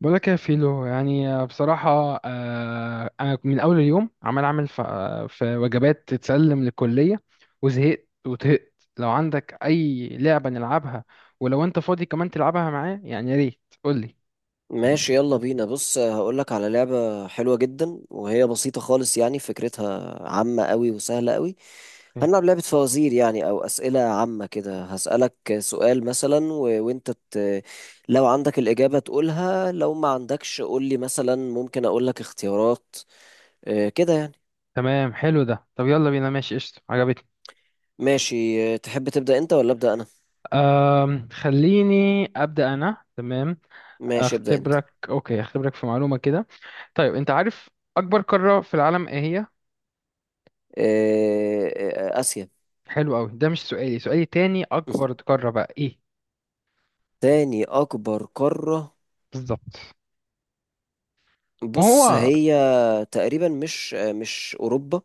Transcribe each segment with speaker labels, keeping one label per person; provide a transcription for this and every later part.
Speaker 1: بقولك يا فيلو، يعني بصراحة، أنا من أول اليوم عمال أعمل، في وجبات تتسلم للكلية، وزهقت وطهقت. لو عندك أي لعبة نلعبها، ولو أنت فاضي كمان تلعبها معايا، يعني يا ريت قولي.
Speaker 2: ماشي، يلا بينا. بص، هقولك على لعبة حلوة جدا وهي بسيطة خالص، يعني فكرتها عامة قوي وسهلة قوي.
Speaker 1: إيه.
Speaker 2: هنلعب لعبة فوازير يعني أو أسئلة عامة كده. هسألك سؤال مثلا وأنت لو عندك الإجابة تقولها، لو ما عندكش قولي مثلا، ممكن أقولك اختيارات، كده يعني.
Speaker 1: تمام، حلو ده. طب يلا بينا. ماشي، قشطة، عجبتني.
Speaker 2: ماشي. تحب تبدأ أنت ولا أبدأ أنا؟
Speaker 1: خليني أبدأ أنا. تمام،
Speaker 2: ماشي، ابدأ أنت.
Speaker 1: أختبرك. أوكي، أختبرك في معلومة كده. طيب، أنت عارف أكبر قارة في العالم إيه هي؟
Speaker 2: آسيا.
Speaker 1: حلو أوي، ده مش سؤالي، سؤالي تاني أكبر قارة بقى إيه؟
Speaker 2: تاني أكبر قارة.
Speaker 1: بالظبط.
Speaker 2: بص،
Speaker 1: وهو
Speaker 2: هي تقريبا مش اوروبا.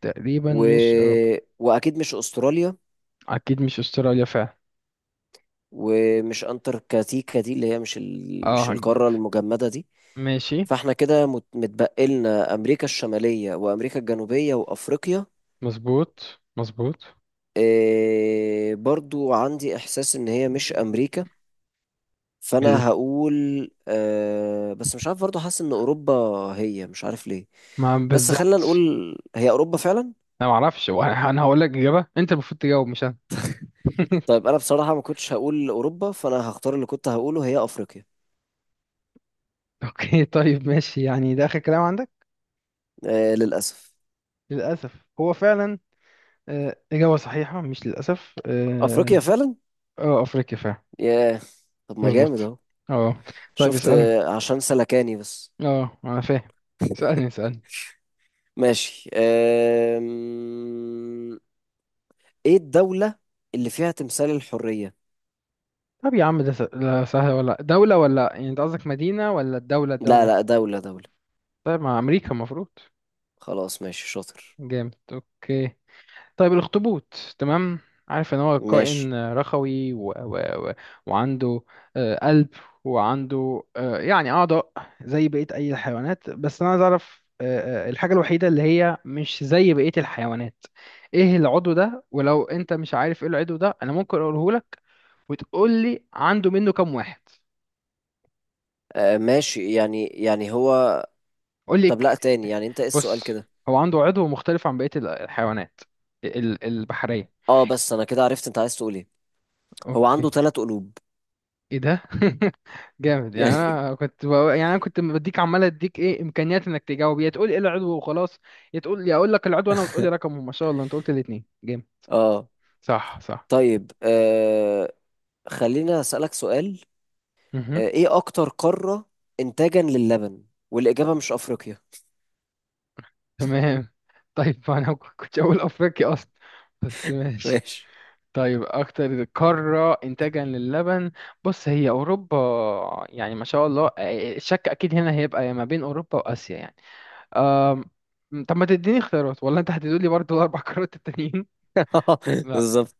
Speaker 1: تقريبا
Speaker 2: و...
Speaker 1: مش أوروبا.
Speaker 2: واكيد مش استراليا.
Speaker 1: أكيد مش أستراليا فعلا.
Speaker 2: ومش انتاركتيكا دي، اللي هي مش
Speaker 1: اه،
Speaker 2: القاره المجمده دي.
Speaker 1: ماشي.
Speaker 2: فاحنا كده متبقي لنا امريكا الشماليه وامريكا الجنوبيه وافريقيا.
Speaker 1: مظبوط مظبوط.
Speaker 2: برضو عندي احساس ان هي مش امريكا،
Speaker 1: ال-
Speaker 2: فانا هقول أه، بس مش عارف، برضو حاسس ان اوروبا. هي، مش عارف ليه،
Speaker 1: ما
Speaker 2: بس خلينا
Speaker 1: بالظبط.
Speaker 2: نقول هي اوروبا فعلا.
Speaker 1: أنا معرفش، هو أنا هقول لك إجابة، أنت المفروض تجاوب مش أنا.
Speaker 2: طيب، انا بصراحة ما كنتش هقول اوروبا، فانا هختار اللي كنت هقوله، هي افريقيا.
Speaker 1: أوكي، طيب ماشي، يعني ده آخر كلام عندك؟
Speaker 2: آه، للاسف.
Speaker 1: للأسف هو فعلا. إجابة صحيحة مش للأسف،
Speaker 2: افريقيا
Speaker 1: اه.
Speaker 2: فعلا.
Speaker 1: أفريقيا فعلا.
Speaker 2: ياه. طب ما جامد
Speaker 1: مظبوط.
Speaker 2: اهو.
Speaker 1: اه. طيب
Speaker 2: شفت؟
Speaker 1: اسألني.
Speaker 2: عشان سلكاني بس.
Speaker 1: اه، أنا فاهم، اسألني اسألني.
Speaker 2: ماشي. ايه الدولة اللي فيها تمثال الحرية؟
Speaker 1: طب يا عم ده ده سهل، ولا دولة، ولا يعني أنت قصدك مدينة ولا الدولة؟
Speaker 2: لا،
Speaker 1: الدولة؟
Speaker 2: لا، دولة، دولة.
Speaker 1: طيب، مع امريكا المفروض.
Speaker 2: خلاص، ماشي، شاطر.
Speaker 1: جامد، اوكي. طيب، الاخطبوط. تمام، عارف ان هو
Speaker 2: ماشي.
Speaker 1: كائن رخوي، و... وعنده قلب، وعنده يعني اعضاء زي بقية اي الحيوانات. بس انا عايز اعرف، الحاجة الوحيدة اللي هي مش زي بقية الحيوانات، ايه العضو ده؟ ولو انت مش عارف ايه العضو ده، انا ممكن اقوله لك وتقول لي عنده منه كام واحد.
Speaker 2: آه، ماشي يعني هو...
Speaker 1: قول لي،
Speaker 2: طب لا، تاني يعني، انت ايه السؤال
Speaker 1: بص،
Speaker 2: كده؟
Speaker 1: هو عنده عضو مختلف عن بقية الحيوانات البحرية.
Speaker 2: اه، بس انا كده عرفت انت عايز تقول ايه. هو
Speaker 1: اوكي.
Speaker 2: عنده ثلاث قلوب.
Speaker 1: ايه ده! جامد. يعني
Speaker 2: يعني...
Speaker 1: يعني انا كنت بديك، عمال اديك ايه امكانيات انك تجاوب، يا تقول ايه العضو وخلاص، يا تقول يا اقول لك العضو انا وتقول لي رقمه. ما شاء الله، انت قلت الاثنين. جامد.
Speaker 2: اه.
Speaker 1: صح صح.
Speaker 2: طيب، خلينا أسألك سؤال.
Speaker 1: مهم.
Speaker 2: إيه أكتر قارة إنتاجا للبن؟ والإجابة مش أفريقيا.
Speaker 1: تمام. طيب، انا كنت اقول افريقيا اصلا، بس ماشي.
Speaker 2: ماشي.
Speaker 1: طيب اكتر قارة انتاجا للبن، بص هي اوروبا. يعني ما شاء الله، الشك اكيد هنا هيبقى ما بين اوروبا واسيا يعني. أم... طب ما تديني اختيارات ولا انت هتدولي برضو الاربع قارات التانيين؟ لا
Speaker 2: بالظبط.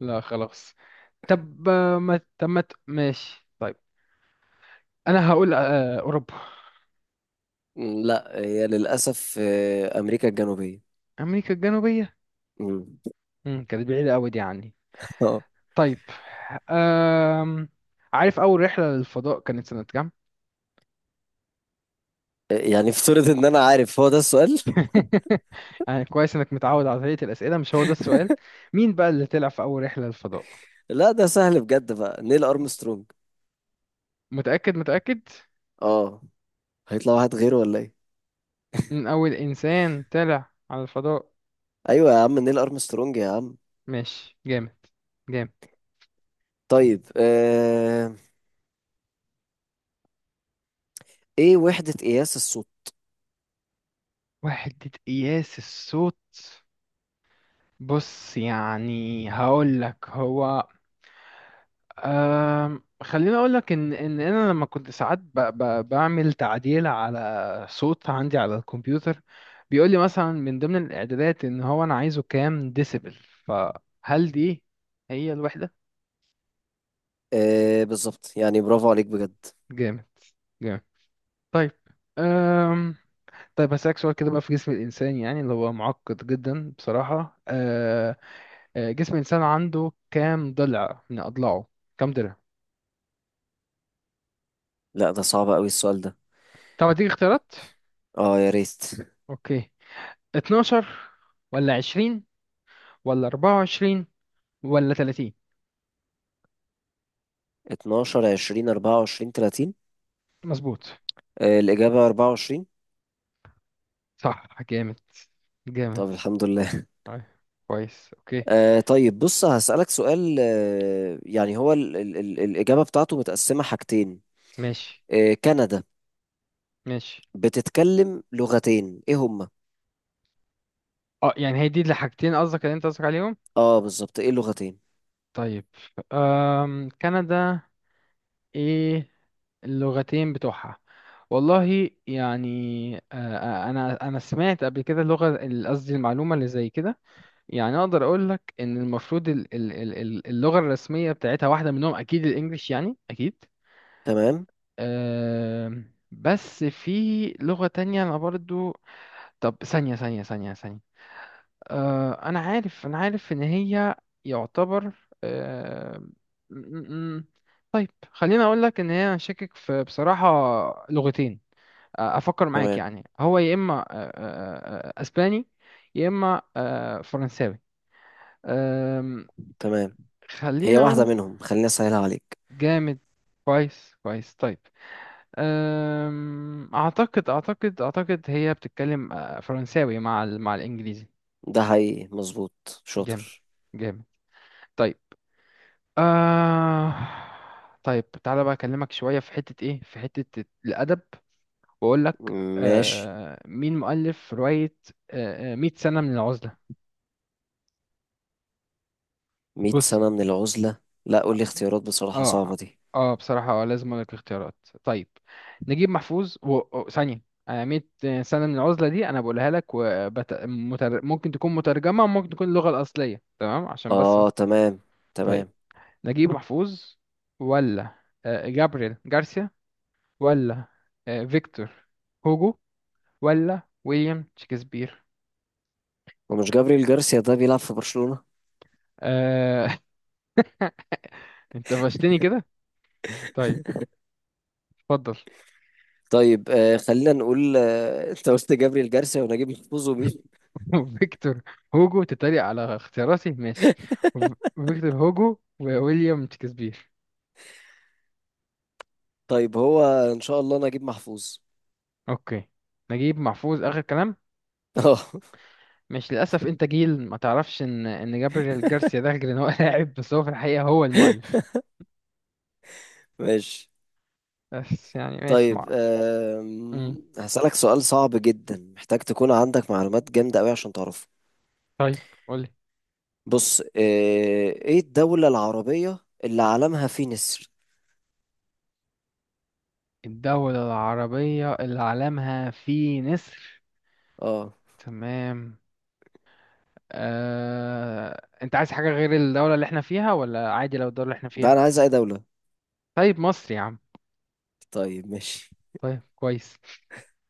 Speaker 1: لا، خلاص. طب آه، ما طب ما ت- ماشي، طيب. انا هقول اوروبا.
Speaker 2: لا، هي للأسف أمريكا الجنوبية.
Speaker 1: امريكا الجنوبيه.
Speaker 2: م.
Speaker 1: كانت بعيده قوي دي عني.
Speaker 2: آه.
Speaker 1: طيب. أم... عارف اول رحله للفضاء كانت سنه كام؟
Speaker 2: يعني افترض إن أنا عارف. هو ده السؤال؟
Speaker 1: يعني كويس انك متعود على طريقه الاسئله. مش هو ده السؤال، مين بقى اللي طلع في اول رحله للفضاء؟
Speaker 2: لا، ده سهل بجد، بقى نيل أرمسترونج.
Speaker 1: متاكد متاكد؟
Speaker 2: اه، هيطلع واحد غيره ولا إيه؟
Speaker 1: من اول انسان طلع على الفضاء؟
Speaker 2: أيوة يا عم، نيل أرمسترونج يا عم.
Speaker 1: ماشي، جامد جامد.
Speaker 2: طيب، إيه وحدة قياس الصوت؟
Speaker 1: وحدة قياس الصوت؟ بص، يعني هقول لك هو، خليني اقول لك ان انا لما كنت ساعات ب بعمل تعديل على صوت عندي على الكمبيوتر، بيقول لي مثلا من ضمن الاعدادات ان هو انا عايزه كام ديسيبل. فهل دي هي الوحدة؟
Speaker 2: آه بالظبط، يعني برافو عليك بجد.
Speaker 1: جامد جامد. طيب. أم طيب هسألك سؤال كده بقى في جسم الإنسان، يعني اللي هو معقد جدا بصراحة. جسم الإنسان عنده كام ضلع من أضلاعه؟ كام ضلع؟
Speaker 2: لا، ده صعب قوي السؤال ده.
Speaker 1: طب أديك اختيارات.
Speaker 2: اه، يا ريت.
Speaker 1: أوكي، 12 ولا 20 ولا 24 ولا 30؟
Speaker 2: 12، 20، 24، 30؟
Speaker 1: مظبوط.
Speaker 2: آه، الإجابة 24.
Speaker 1: صح، جامد
Speaker 2: طب
Speaker 1: جامد.
Speaker 2: الحمد لله.
Speaker 1: طيب، كويس. أوكي،
Speaker 2: آه طيب، بص، هسألك سؤال. يعني هو ال ال ال الإجابة بتاعته متقسمة حاجتين.
Speaker 1: ماشي
Speaker 2: كندا
Speaker 1: ماشي.
Speaker 2: بتتكلم لغتين، ايه هما؟
Speaker 1: اه، يعني هي دي الحاجتين قصدك، اللي انت قصدك عليهم؟
Speaker 2: اه بالظبط، ايه اللغتين؟
Speaker 1: طيب. كندا، ايه اللغتين بتوعها؟ والله يعني، انا سمعت قبل كده اللغه، قصدي المعلومه اللي زي كده. يعني اقدر اقول لك ان المفروض اللغه الرسميه بتاعتها واحده منهم اكيد الانجليش، يعني اكيد.
Speaker 2: تمام،
Speaker 1: بس في لغه تانية انا برضو. طب ثانيه ثانيه ثانيه ثانيه. انا عارف ان هي يعتبر. أم، م- م- طيب خليني اقول لك ان هي، انا شاكك في بصراحه لغتين. افكر معاك،
Speaker 2: تمام،
Speaker 1: يعني هو يا اما أه، أه، أه، آه، اسباني، يا اما فرنساوي. أم،
Speaker 2: تمام، هي
Speaker 1: خليني
Speaker 2: واحدة
Speaker 1: اقول.
Speaker 2: منهم، خليني أسهلها عليك.
Speaker 1: جامد. كويس كويس. طيب. أم... اعتقد اعتقد اعتقد هي بتتكلم فرنساوي مع مع الانجليزي.
Speaker 2: ده حقيقي، مظبوط،
Speaker 1: جامد
Speaker 2: شاطر.
Speaker 1: جامد. طيب. آه... طيب تعالى بقى اكلمك شوية في حتة ايه، في حتة الادب، واقول لك
Speaker 2: ماشي.
Speaker 1: آه... مين مؤلف رواية 100 سنة من العزلة؟
Speaker 2: 100
Speaker 1: بص.
Speaker 2: سنة من العزلة. لا، قول لي اختيارات، بصراحة
Speaker 1: اه،
Speaker 2: صعبة دي.
Speaker 1: اه، بصراحة اه، لازم اقول لك اختيارات. طيب، نجيب محفوظ ثانية. يعني 100 سنة من العزلة دي انا بقولها لك، ممكن تكون مترجمة وممكن تكون اللغة الأصلية، تمام، عشان بس.
Speaker 2: اه، تمام،
Speaker 1: طيب،
Speaker 2: تمام.
Speaker 1: نجيب محفوظ، ولا جابريل جارسيا، ولا فيكتور هوجو، ولا ويليام شكسبير؟
Speaker 2: ما مش جابريل جارسيا، ده بيلعب في برشلونة.
Speaker 1: آه... انت فشتني كده. طيب اتفضل.
Speaker 2: طيب، خلينا نقول، انت قلت جابريل جارسيا ونجيب محفوظ ومين؟
Speaker 1: وفيكتور هوجو؟ تتريق على اختياراتي؟ ماشي. فيكتور هوجو وويليام شكسبير.
Speaker 2: طيب، هو ان شاء الله نجيب محفوظ.
Speaker 1: اوكي، نجيب محفوظ اخر كلام.
Speaker 2: اه،
Speaker 1: مش للاسف، انت جيل ما تعرفش ان جابريل جارسيا ده، غير ان هو لاعب، بس هو في الحقيقه هو المؤلف.
Speaker 2: ماشي.
Speaker 1: بس يعني ماشي مع.
Speaker 2: طيب،
Speaker 1: مم.
Speaker 2: هسألك سؤال صعب جدا، محتاج تكون عندك معلومات جامدة قوي عشان تعرفه.
Speaker 1: طيب قولي.
Speaker 2: بص، ايه الدولة العربية اللي علمها فيه نسر؟
Speaker 1: الدولة العربية اللي علمها فيه نسر؟
Speaker 2: اه،
Speaker 1: تمام. انت عايز حاجة غير الدولة اللي احنا فيها، ولا عادي لو الدولة اللي احنا
Speaker 2: ده
Speaker 1: فيها؟
Speaker 2: انا عايز اي دولة.
Speaker 1: طيب، مصر يا عم.
Speaker 2: طيب، ماشي.
Speaker 1: طيب كويس.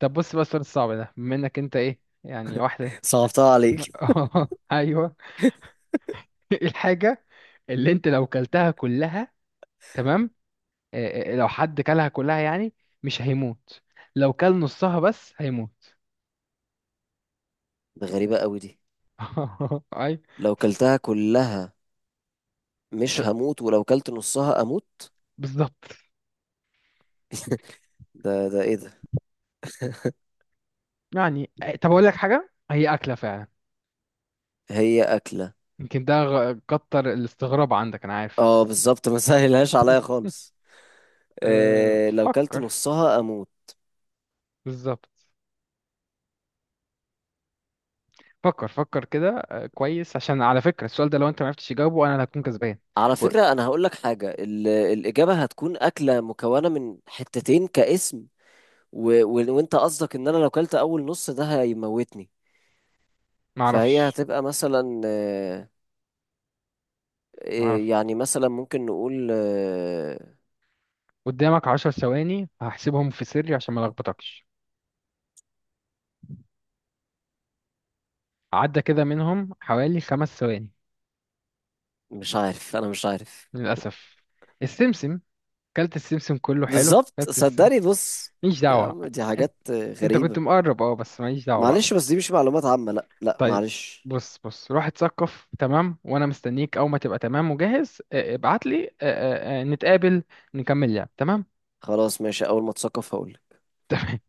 Speaker 1: طب بص بقى السؤال الصعب ده، بما انك انت ايه يعني واحدة.
Speaker 2: صعبتها عليك.
Speaker 1: ايوه. إيه الحاجة اللي انت لو كلتها كلها، تمام، إيه لو حد كلها كلها يعني، مش هيموت، لو كل نصها بس هيموت؟
Speaker 2: ده غريبة قوي دي.
Speaker 1: اي.
Speaker 2: لو كلتها كلها
Speaker 1: مش-
Speaker 2: مش هموت، ولو كلت نصها اموت.
Speaker 1: بالظبط.
Speaker 2: ده ايه ده؟
Speaker 1: يعني إيه، طب اقول لك حاجة، هي أكلة فعلا.
Speaker 2: هي اكله؟
Speaker 1: يمكن ده كتر الاستغراب عندك، انا عارف
Speaker 2: اه
Speaker 1: بس.
Speaker 2: بالظبط، ما سهلهاش عليا خالص.
Speaker 1: أه،
Speaker 2: إيه؟ لو كلت
Speaker 1: فكر.
Speaker 2: نصها اموت.
Speaker 1: بالظبط، فكر فكر كده. كويس، عشان على فكرة السؤال ده لو انت معرفتش تجاوبه انا اللي هكون كسبان.
Speaker 2: على
Speaker 1: قول.
Speaker 2: فكره، انا هقول لك حاجه، الاجابه هتكون اكله مكونه من حتتين كاسم. و و وانت قصدك ان انا لو كلت اول نص ده هيموتني؟ فهي
Speaker 1: معرفش
Speaker 2: هتبقى مثلا إيه
Speaker 1: معرفش.
Speaker 2: يعني، مثلا ممكن نقول
Speaker 1: قدامك 10 ثواني هحسبهم في سري عشان ما لخبطكش. عدى كده منهم حوالي 5 ثواني.
Speaker 2: مش عارف، انا مش عارف.
Speaker 1: للأسف. السمسم. كلت السمسم كله، حلو.
Speaker 2: بالظبط،
Speaker 1: كلت السمسم،
Speaker 2: صدقني، بص.
Speaker 1: ماليش
Speaker 2: يا
Speaker 1: دعوة.
Speaker 2: عم، دي
Speaker 1: انت
Speaker 2: حاجات
Speaker 1: انت كنت
Speaker 2: غريبه.
Speaker 1: مقرب، اه، بس ماليش دعوة بقى.
Speaker 2: معلش، بس دي مش معلومات عامه، لا، لا،
Speaker 1: طيب،
Speaker 2: معلش.
Speaker 1: بص بص، روح اتثقف، تمام. وانا مستنيك، اول ما تبقى تمام وجاهز ابعت لي، نتقابل، نكمل لعب. تمام.
Speaker 2: خلاص، ماشي، اول ما اتثقف هقول